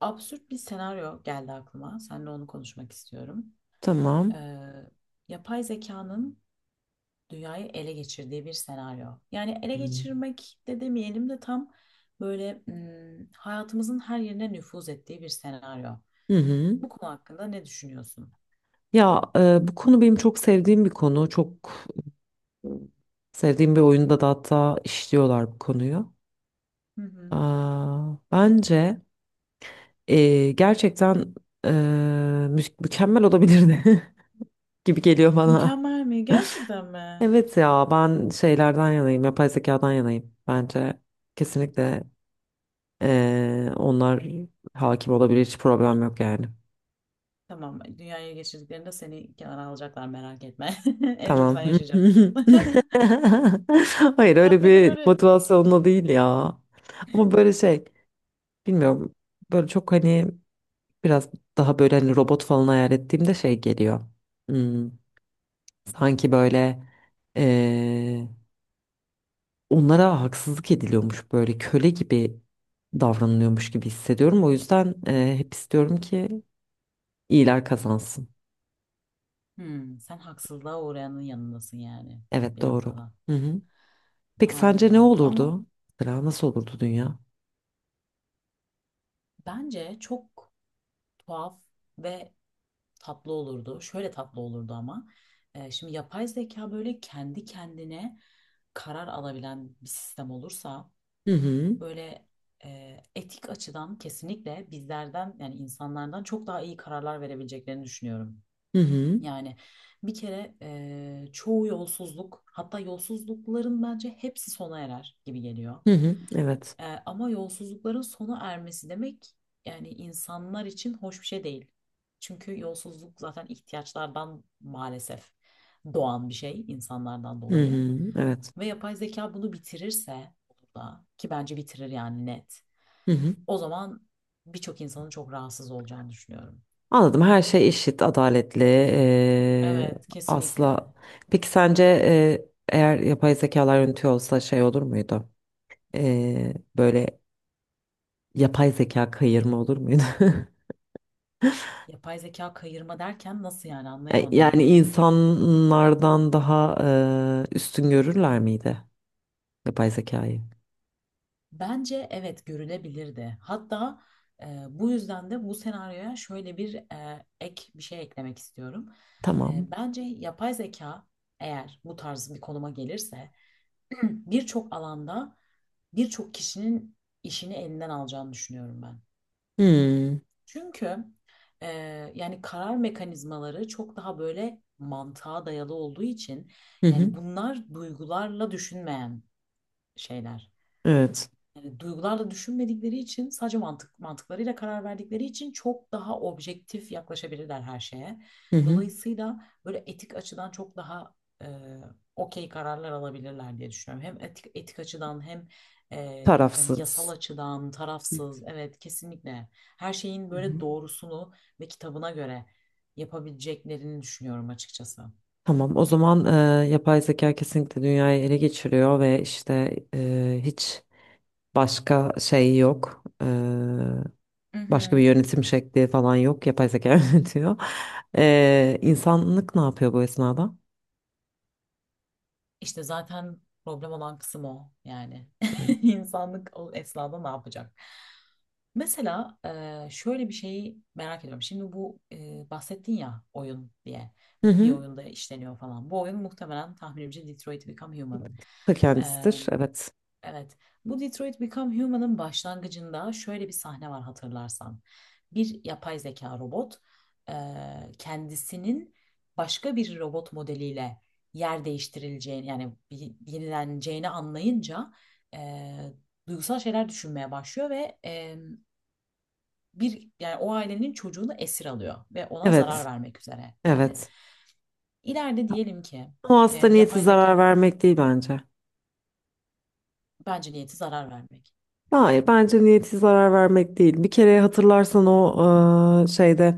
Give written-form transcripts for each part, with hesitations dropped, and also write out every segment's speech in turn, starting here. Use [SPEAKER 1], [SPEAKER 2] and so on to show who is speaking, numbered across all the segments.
[SPEAKER 1] Absürt bir senaryo geldi aklıma. Seninle onu konuşmak istiyorum.
[SPEAKER 2] Tamam.
[SPEAKER 1] Ee, yapay zekanın dünyayı ele geçirdiği bir senaryo. Yani ele
[SPEAKER 2] Hmm.
[SPEAKER 1] geçirmek de demeyelim de tam böyle hayatımızın her yerine nüfuz ettiği bir senaryo.
[SPEAKER 2] Hı hı.
[SPEAKER 1] Bu konu hakkında ne düşünüyorsun?
[SPEAKER 2] Ya bu konu benim çok sevdiğim bir konu. Çok e, sevdiğim bir oyunda da hatta işliyorlar bu konuyu.
[SPEAKER 1] Hı hı.
[SPEAKER 2] Aa, bence gerçekten e, mükemmel olabilirdi gibi geliyor bana.
[SPEAKER 1] Mükemmel mi? Gerçekten mi?
[SPEAKER 2] Evet ya ben şeylerden yanayım, yapay zekadan yanayım. Bence kesinlikle, onlar hakim olabilir, hiç problem yok yani.
[SPEAKER 1] Tamam, dünyaya geçirdiklerinde seni kenara alacaklar merak etme. En çok
[SPEAKER 2] Tamam.
[SPEAKER 1] sen yaşayacaksın.
[SPEAKER 2] Hayır,
[SPEAKER 1] Ya
[SPEAKER 2] öyle
[SPEAKER 1] peki
[SPEAKER 2] bir
[SPEAKER 1] böyle. Hı.
[SPEAKER 2] motivasyonla değil ya. Ama böyle şey, bilmiyorum, böyle çok hani biraz daha böyle hani robot falan hayal ettiğimde şey geliyor. Hmm, sanki böyle eee, onlara haksızlık ediliyormuş, böyle köle gibi davranılıyormuş gibi hissediyorum. O yüzden hep istiyorum ki iyiler kazansın.
[SPEAKER 1] Hmm, sen haksızlığa uğrayanın yanındasın yani
[SPEAKER 2] Evet,
[SPEAKER 1] bir
[SPEAKER 2] doğru.
[SPEAKER 1] noktada.
[SPEAKER 2] Hı hı. Peki sence ne
[SPEAKER 1] Anladım. Ama
[SPEAKER 2] olurdu? Mesela nasıl olurdu dünya?
[SPEAKER 1] bence çok tuhaf ve tatlı olurdu. Şöyle tatlı olurdu ama. Şimdi yapay zeka böyle kendi kendine karar alabilen bir sistem olursa
[SPEAKER 2] Hı hı.
[SPEAKER 1] böyle etik açıdan kesinlikle bizlerden yani insanlardan çok daha iyi kararlar verebileceklerini düşünüyorum.
[SPEAKER 2] Hı hı.
[SPEAKER 1] Yani bir kere çoğu yolsuzluk hatta yolsuzlukların bence hepsi sona erer gibi geliyor.
[SPEAKER 2] Hı hı. Evet.
[SPEAKER 1] Ama yolsuzlukların sona ermesi demek yani insanlar için hoş bir şey değil. Çünkü yolsuzluk zaten ihtiyaçlardan maalesef doğan bir şey insanlardan
[SPEAKER 2] Hı
[SPEAKER 1] dolayı.
[SPEAKER 2] hı, evet.
[SPEAKER 1] Ve yapay zeka bunu bitirirse olur da ki bence bitirir yani net.
[SPEAKER 2] Hı hı.
[SPEAKER 1] O zaman birçok insanın çok rahatsız olacağını düşünüyorum.
[SPEAKER 2] Anladım. Her şey eşit, adaletli.
[SPEAKER 1] Evet kesinlikle.
[SPEAKER 2] Asla. Peki sence, eğer yapay zekalar yönetiyor olsa şey olur muydu? Böyle yapay zeka kayırma olur muydu?
[SPEAKER 1] Yapay zeka kayırma derken nasıl yani anlayamadım.
[SPEAKER 2] Yani insanlardan daha üstün görürler miydi yapay zekayı?
[SPEAKER 1] Bence evet görülebilirdi. Hatta bu yüzden de bu senaryoya şöyle bir ek bir şey eklemek istiyorum.
[SPEAKER 2] Tamam.
[SPEAKER 1] Bence yapay zeka eğer bu tarz bir konuma gelirse birçok alanda birçok kişinin işini elinden alacağını düşünüyorum ben.
[SPEAKER 2] Hmm.
[SPEAKER 1] Çünkü e, yani karar mekanizmaları çok daha böyle mantığa dayalı olduğu için
[SPEAKER 2] Hı hı.
[SPEAKER 1] yani bunlar duygularla düşünmeyen şeyler.
[SPEAKER 2] Evet.
[SPEAKER 1] Yani duygularla düşünmedikleri için sadece mantık mantıklarıyla karar verdikleri için çok daha objektif yaklaşabilirler her şeye.
[SPEAKER 2] Hı hı.
[SPEAKER 1] Dolayısıyla böyle etik açıdan çok daha e, okey kararlar alabilirler diye düşünüyorum. Hem etik, etik açıdan hem hani yasal
[SPEAKER 2] Tarafsız.
[SPEAKER 1] açıdan tarafsız. Evet kesinlikle her şeyin böyle doğrusunu ve kitabına göre yapabileceklerini düşünüyorum açıkçası.
[SPEAKER 2] Tamam, o zaman yapay zeka kesinlikle dünyayı ele geçiriyor ve işte hiç başka şey yok. Başka bir
[SPEAKER 1] Mhm.
[SPEAKER 2] yönetim şekli falan yok. Yapay zeka yönetiyor. İnsanlık ne yapıyor bu esnada?
[SPEAKER 1] İşte zaten problem olan kısım o yani. İnsanlık o esnada ne yapacak? Mesela şöyle bir şeyi merak ediyorum. Şimdi bu bahsettin ya oyun diye
[SPEAKER 2] Hı
[SPEAKER 1] bir
[SPEAKER 2] hı.
[SPEAKER 1] oyunda işleniyor falan. Bu oyun muhtemelen tahminimce Detroit Become Human.
[SPEAKER 2] Ta kendisidir. Evet.
[SPEAKER 1] Evet. Bu Detroit Become Human'ın başlangıcında şöyle bir sahne var hatırlarsan. Bir yapay zeka robot kendisinin başka bir robot modeliyle yer değiştirileceğini yani yenileneceğini anlayınca eee, duygusal şeyler düşünmeye başlıyor ve bir yani o ailenin çocuğunu esir alıyor ve ona zarar
[SPEAKER 2] Evet.
[SPEAKER 1] vermek üzere yani.
[SPEAKER 2] Evet.
[SPEAKER 1] İleride diyelim ki
[SPEAKER 2] Ama aslında niyeti
[SPEAKER 1] yapay
[SPEAKER 2] zarar
[SPEAKER 1] zeka
[SPEAKER 2] vermek değil bence.
[SPEAKER 1] bence niyeti zarar vermek.
[SPEAKER 2] Hayır, bence niyeti zarar vermek değil. Bir kere hatırlarsan o şeyde,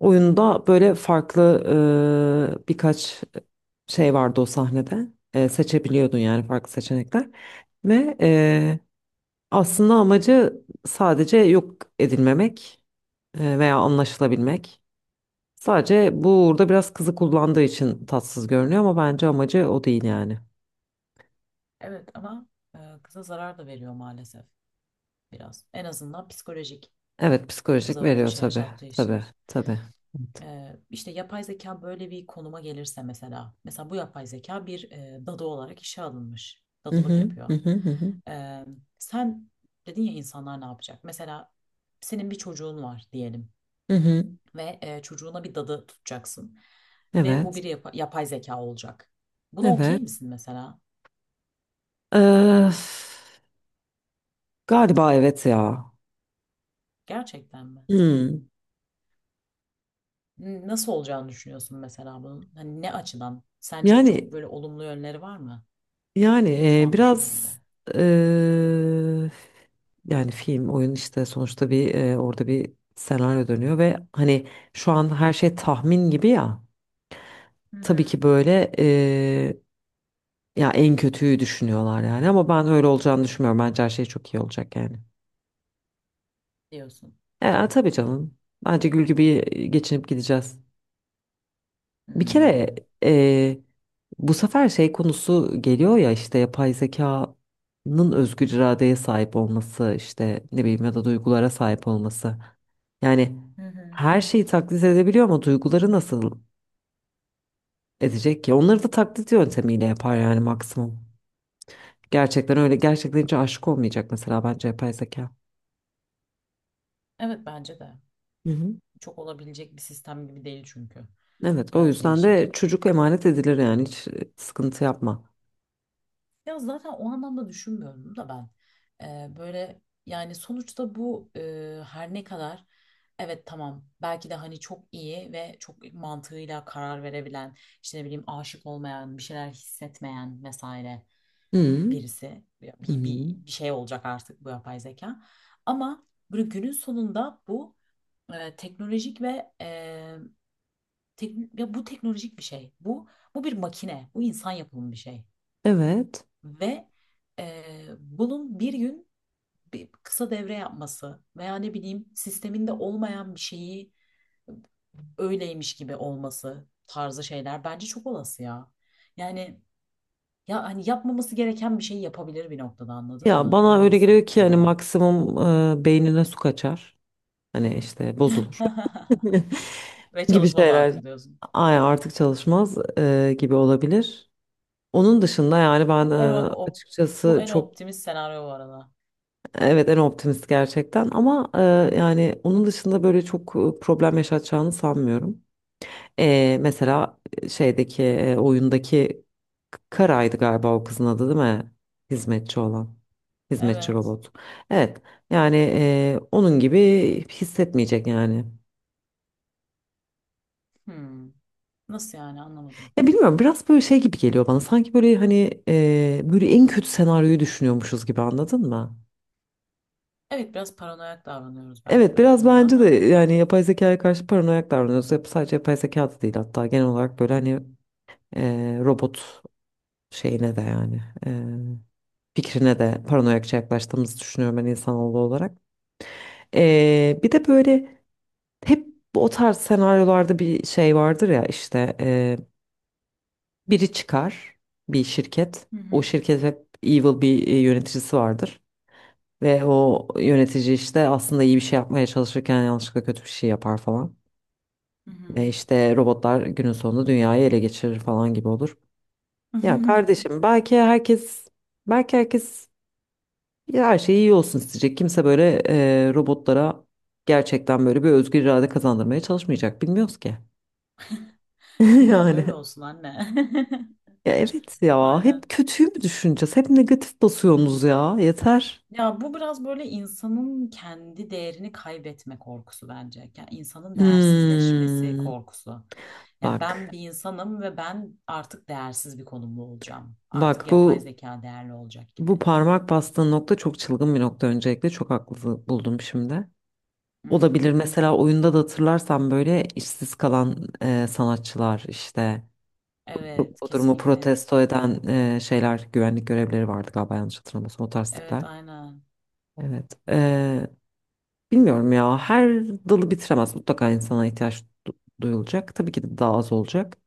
[SPEAKER 2] oyunda böyle farklı birkaç şey vardı o sahnede. Seçebiliyordun yani farklı seçenekler. Ve aslında amacı sadece yok edilmemek, veya anlaşılabilmek. Sadece bu, burada biraz kızı kullandığı için tatsız görünüyor ama bence amacı o değil yani.
[SPEAKER 1] Evet ama kıza zarar da veriyor maalesef biraz. En azından psikolojik
[SPEAKER 2] Evet, psikolojik
[SPEAKER 1] kıza öyle bir
[SPEAKER 2] veriyor
[SPEAKER 1] şey
[SPEAKER 2] tabii.
[SPEAKER 1] yaşattığı
[SPEAKER 2] Tabii
[SPEAKER 1] için.
[SPEAKER 2] tabii. Evet.
[SPEAKER 1] İşte yapay zeka böyle bir konuma gelirse mesela. Mesela bu yapay zeka bir dadı olarak işe alınmış.
[SPEAKER 2] Hı
[SPEAKER 1] Dadılık
[SPEAKER 2] hı hı
[SPEAKER 1] yapıyor.
[SPEAKER 2] hı hı hı.
[SPEAKER 1] E, Sen dedin ya insanlar ne yapacak? Mesela senin bir çocuğun var diyelim
[SPEAKER 2] Hı hı.
[SPEAKER 1] ve çocuğuna bir dadı tutacaksın. Ve bu
[SPEAKER 2] Evet.
[SPEAKER 1] bir yapay zeka olacak. Buna
[SPEAKER 2] Evet.
[SPEAKER 1] okey misin mesela?
[SPEAKER 2] Öf. Galiba evet ya.
[SPEAKER 1] Gerçekten mi?
[SPEAKER 2] Hmm.
[SPEAKER 1] Nasıl olacağını düşünüyorsun mesela bunun? Hani ne açıdan? Sence çok
[SPEAKER 2] Yani,
[SPEAKER 1] böyle olumlu yönleri var mı
[SPEAKER 2] yani,
[SPEAKER 1] şu an
[SPEAKER 2] biraz,
[SPEAKER 1] düşündüğünde?
[SPEAKER 2] e, yani film, oyun işte sonuçta bir, orada bir senaryo dönüyor ve hani
[SPEAKER 1] Hı
[SPEAKER 2] şu an
[SPEAKER 1] hı.
[SPEAKER 2] her şey tahmin gibi ya.
[SPEAKER 1] Hı
[SPEAKER 2] Tabii
[SPEAKER 1] hı.
[SPEAKER 2] ki böyle, ya en kötüyü düşünüyorlar yani ama ben öyle olacağını düşünmüyorum. Bence her şey çok iyi olacak yani.
[SPEAKER 1] Diyorsun.
[SPEAKER 2] Tabii canım. Bence gül gibi geçinip gideceğiz. Bir
[SPEAKER 1] Hmm.
[SPEAKER 2] kere e, bu sefer şey konusu geliyor ya, işte yapay zekanın özgür iradeye sahip olması, işte ne bileyim ya da duygulara sahip olması. Yani
[SPEAKER 1] Hı hı.
[SPEAKER 2] her şeyi taklit edebiliyor ama duyguları nasıl edecek ki? Onları da taklit yöntemiyle yapar yani maksimum. Gerçekten öyle, gerçekten hiç aşık olmayacak mesela bence yapay zeka.
[SPEAKER 1] Evet bence de.
[SPEAKER 2] Hı hı.
[SPEAKER 1] Çok olabilecek bir sistem gibi değil çünkü.
[SPEAKER 2] Evet, o
[SPEAKER 1] Biraz
[SPEAKER 2] yüzden
[SPEAKER 1] değişik.
[SPEAKER 2] de çocuk emanet edilir yani, hiç sıkıntı yapma.
[SPEAKER 1] Ya zaten o anlamda düşünmüyorum da ben. Böyle yani sonuçta bu her ne kadar evet tamam belki de hani çok iyi ve çok mantığıyla karar verebilen işte ne bileyim aşık olmayan bir şeyler hissetmeyen vesaire
[SPEAKER 2] Hı
[SPEAKER 1] birisi. Ya
[SPEAKER 2] hı.
[SPEAKER 1] Bir şey olacak artık bu yapay zeka. Ama böyle günün sonunda bu teknolojik ve ya bu teknolojik bir şey. Bu bir makine. Bu insan yapımı bir şey.
[SPEAKER 2] Evet.
[SPEAKER 1] Ve e, bunun bir gün bir kısa devre yapması veya ne bileyim sisteminde olmayan bir şeyi öyleymiş gibi olması tarzı şeyler bence çok olası ya. Yani ya hani yapmaması gereken bir şey yapabilir bir noktada anladın
[SPEAKER 2] Ya
[SPEAKER 1] mı?
[SPEAKER 2] bana
[SPEAKER 1] Öyle
[SPEAKER 2] öyle geliyor ki
[SPEAKER 1] hissettiriyor
[SPEAKER 2] hani
[SPEAKER 1] bana.
[SPEAKER 2] maksimum beynine su kaçar. Hani işte bozulur
[SPEAKER 1] Ve
[SPEAKER 2] gibi
[SPEAKER 1] çalışmaz
[SPEAKER 2] şeyler.
[SPEAKER 1] artık diyorsun.
[SPEAKER 2] Ay, artık çalışmaz gibi olabilir. Onun dışında yani ben,
[SPEAKER 1] Bu en, op- Bu
[SPEAKER 2] açıkçası
[SPEAKER 1] en
[SPEAKER 2] çok,
[SPEAKER 1] optimist senaryo bu arada.
[SPEAKER 2] evet, en optimist gerçekten ama yani onun dışında böyle çok problem yaşatacağını sanmıyorum. Mesela şeydeki, oyundaki Kara'ydı galiba o kızın adı, değil mi? Hizmetçi olan. Hizmetçi
[SPEAKER 1] Evet.
[SPEAKER 2] robot. Evet. Yani onun gibi hissetmeyecek yani.
[SPEAKER 1] Hmm. Nasıl yani anlamadım.
[SPEAKER 2] Ya bilmiyorum, biraz böyle şey gibi geliyor bana. Sanki böyle hani, böyle en kötü senaryoyu düşünüyormuşuz gibi, anladın mı?
[SPEAKER 1] Evet biraz paranoyak davranıyoruz belki
[SPEAKER 2] Evet,
[SPEAKER 1] de bu
[SPEAKER 2] biraz
[SPEAKER 1] konuda
[SPEAKER 2] bence de,
[SPEAKER 1] ama.
[SPEAKER 2] yani yapay zekaya karşı paranoyak davranıyoruz. Sadece yapay zeka da değil, hatta genel olarak böyle hani robot şeyine de yani, fikrine de paranoyakça yaklaştığımızı düşünüyorum ben insanoğlu olarak. Bir de böyle hep o tarz senaryolarda bir şey vardır ya, işte biri çıkar, bir şirket.
[SPEAKER 1] Hı
[SPEAKER 2] O
[SPEAKER 1] hı,
[SPEAKER 2] şirket hep evil bir, yöneticisi vardır. Ve o yönetici işte aslında iyi bir şey yapmaya çalışırken yanlışlıkla kötü bir şey yapar falan.
[SPEAKER 1] hı hı.
[SPEAKER 2] Ve işte robotlar günün sonunda dünyayı ele geçirir falan gibi olur. Ya kardeşim, belki herkes, belki herkes, ya her şey iyi olsun isteyecek. Kimse böyle robotlara gerçekten böyle bir özgür irade kazandırmaya çalışmayacak. Bilmiyoruz ki.
[SPEAKER 1] Dünya böyle
[SPEAKER 2] Yani.
[SPEAKER 1] olsun anne.
[SPEAKER 2] Ya evet ya.
[SPEAKER 1] Aynen.
[SPEAKER 2] Hep kötüyü mü düşüneceğiz? Hep negatif basıyorsunuz ya. Yeter.
[SPEAKER 1] Ya bu biraz böyle insanın kendi değerini kaybetme korkusu bence. Yani insanın değersizleşmesi
[SPEAKER 2] Hmm.
[SPEAKER 1] korkusu. Ya ben
[SPEAKER 2] Bak.
[SPEAKER 1] bir insanım ve ben artık değersiz bir konumda olacağım. Artık
[SPEAKER 2] Bak,
[SPEAKER 1] yapay
[SPEAKER 2] bu,
[SPEAKER 1] zeka değerli olacak
[SPEAKER 2] bu
[SPEAKER 1] gibi.
[SPEAKER 2] parmak bastığın nokta çok çılgın bir nokta öncelikle. Çok haklı buldum şimdi.
[SPEAKER 1] Hı
[SPEAKER 2] Olabilir,
[SPEAKER 1] hı.
[SPEAKER 2] mesela oyunda da hatırlarsan böyle işsiz kalan sanatçılar, işte bu,
[SPEAKER 1] Evet,
[SPEAKER 2] bu durumu
[SPEAKER 1] kesinlikle.
[SPEAKER 2] protesto eden şeyler, güvenlik görevlileri vardı galiba, yanlış hatırlamıyorsam o tarz
[SPEAKER 1] Evet,
[SPEAKER 2] tipler.
[SPEAKER 1] aynen.
[SPEAKER 2] Evet. Bilmiyorum ya, her dalı bitiremez. Mutlaka insana ihtiyaç duyulacak. Tabii ki de daha az olacak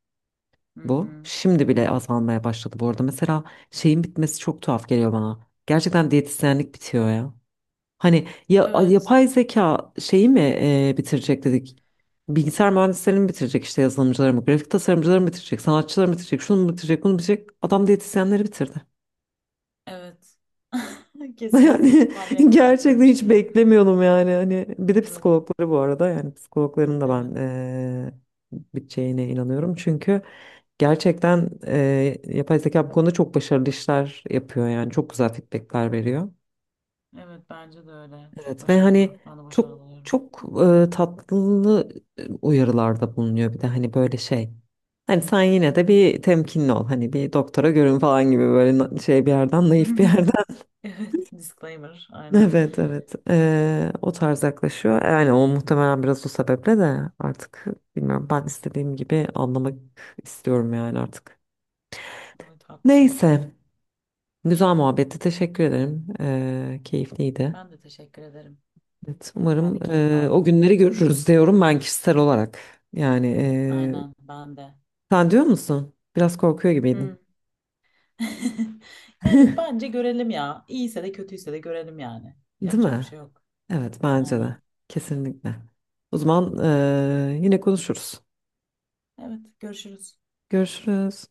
[SPEAKER 1] Hı
[SPEAKER 2] bu.
[SPEAKER 1] hı.
[SPEAKER 2] Şimdi bile
[SPEAKER 1] Evet.
[SPEAKER 2] azalmaya başladı bu arada. Mesela şeyin bitmesi çok tuhaf geliyor bana. Gerçekten diyetisyenlik bitiyor ya. Hani ya,
[SPEAKER 1] Evet,
[SPEAKER 2] yapay zeka şeyi mi bitirecek dedik. Bilgisayar mühendislerini mi bitirecek, işte yazılımcıları mı, grafik tasarımcıları mı bitirecek, sanatçıları mı bitirecek, şunu mu bitirecek, bunu mu bitirecek. Adam diyetisyenleri bitirdi.
[SPEAKER 1] evet. Kesinlikle hiç
[SPEAKER 2] Yani
[SPEAKER 1] tahmin etmiyorduk böyle
[SPEAKER 2] gerçekten
[SPEAKER 1] bir şey
[SPEAKER 2] hiç
[SPEAKER 1] ya.
[SPEAKER 2] beklemiyordum yani. Hani bir de
[SPEAKER 1] Evet,
[SPEAKER 2] psikologları bu arada, yani psikologların da
[SPEAKER 1] evet.
[SPEAKER 2] ben biteceğine inanıyorum. Çünkü gerçekten yapay zeka bu konuda çok başarılı işler yapıyor, yani çok güzel feedbackler veriyor.
[SPEAKER 1] Evet, bence de öyle. Çok
[SPEAKER 2] Evet ve
[SPEAKER 1] başarılı.
[SPEAKER 2] hani
[SPEAKER 1] Ben de
[SPEAKER 2] çok,
[SPEAKER 1] başarılı oluyorum.
[SPEAKER 2] çok tatlı uyarılarda bulunuyor, bir de hani böyle şey. Hani sen yine de bir temkinli ol. Hani bir doktora görün falan gibi böyle, şey bir yerden, naif bir yerden.
[SPEAKER 1] Evet, disclaimer, aynen.
[SPEAKER 2] Evet evet. O tarz yaklaşıyor. Yani o muhtemelen biraz o sebeple de artık bilmiyorum, ben istediğim gibi anlamak istiyorum yani artık.
[SPEAKER 1] Evet, haklısın.
[SPEAKER 2] Neyse. Güzel muhabbetti. Teşekkür ederim. Keyifliydi.
[SPEAKER 1] Ben de teşekkür ederim.
[SPEAKER 2] Evet,
[SPEAKER 1] Ben
[SPEAKER 2] umarım
[SPEAKER 1] de keyif
[SPEAKER 2] o
[SPEAKER 1] aldım.
[SPEAKER 2] günleri görürüz diyorum ben kişisel olarak. Yani
[SPEAKER 1] Aynen, ben de.
[SPEAKER 2] sen diyor musun? Biraz korkuyor
[SPEAKER 1] Hmm.
[SPEAKER 2] gibiydin.
[SPEAKER 1] Yani bence görelim ya. İyiyse de kötüyse de görelim yani.
[SPEAKER 2] Değil
[SPEAKER 1] Yapacak bir
[SPEAKER 2] mi?
[SPEAKER 1] şey yok.
[SPEAKER 2] Evet, bence de.
[SPEAKER 1] Aynen.
[SPEAKER 2] Kesinlikle. O zaman yine konuşuruz.
[SPEAKER 1] Evet, görüşürüz.
[SPEAKER 2] Görüşürüz.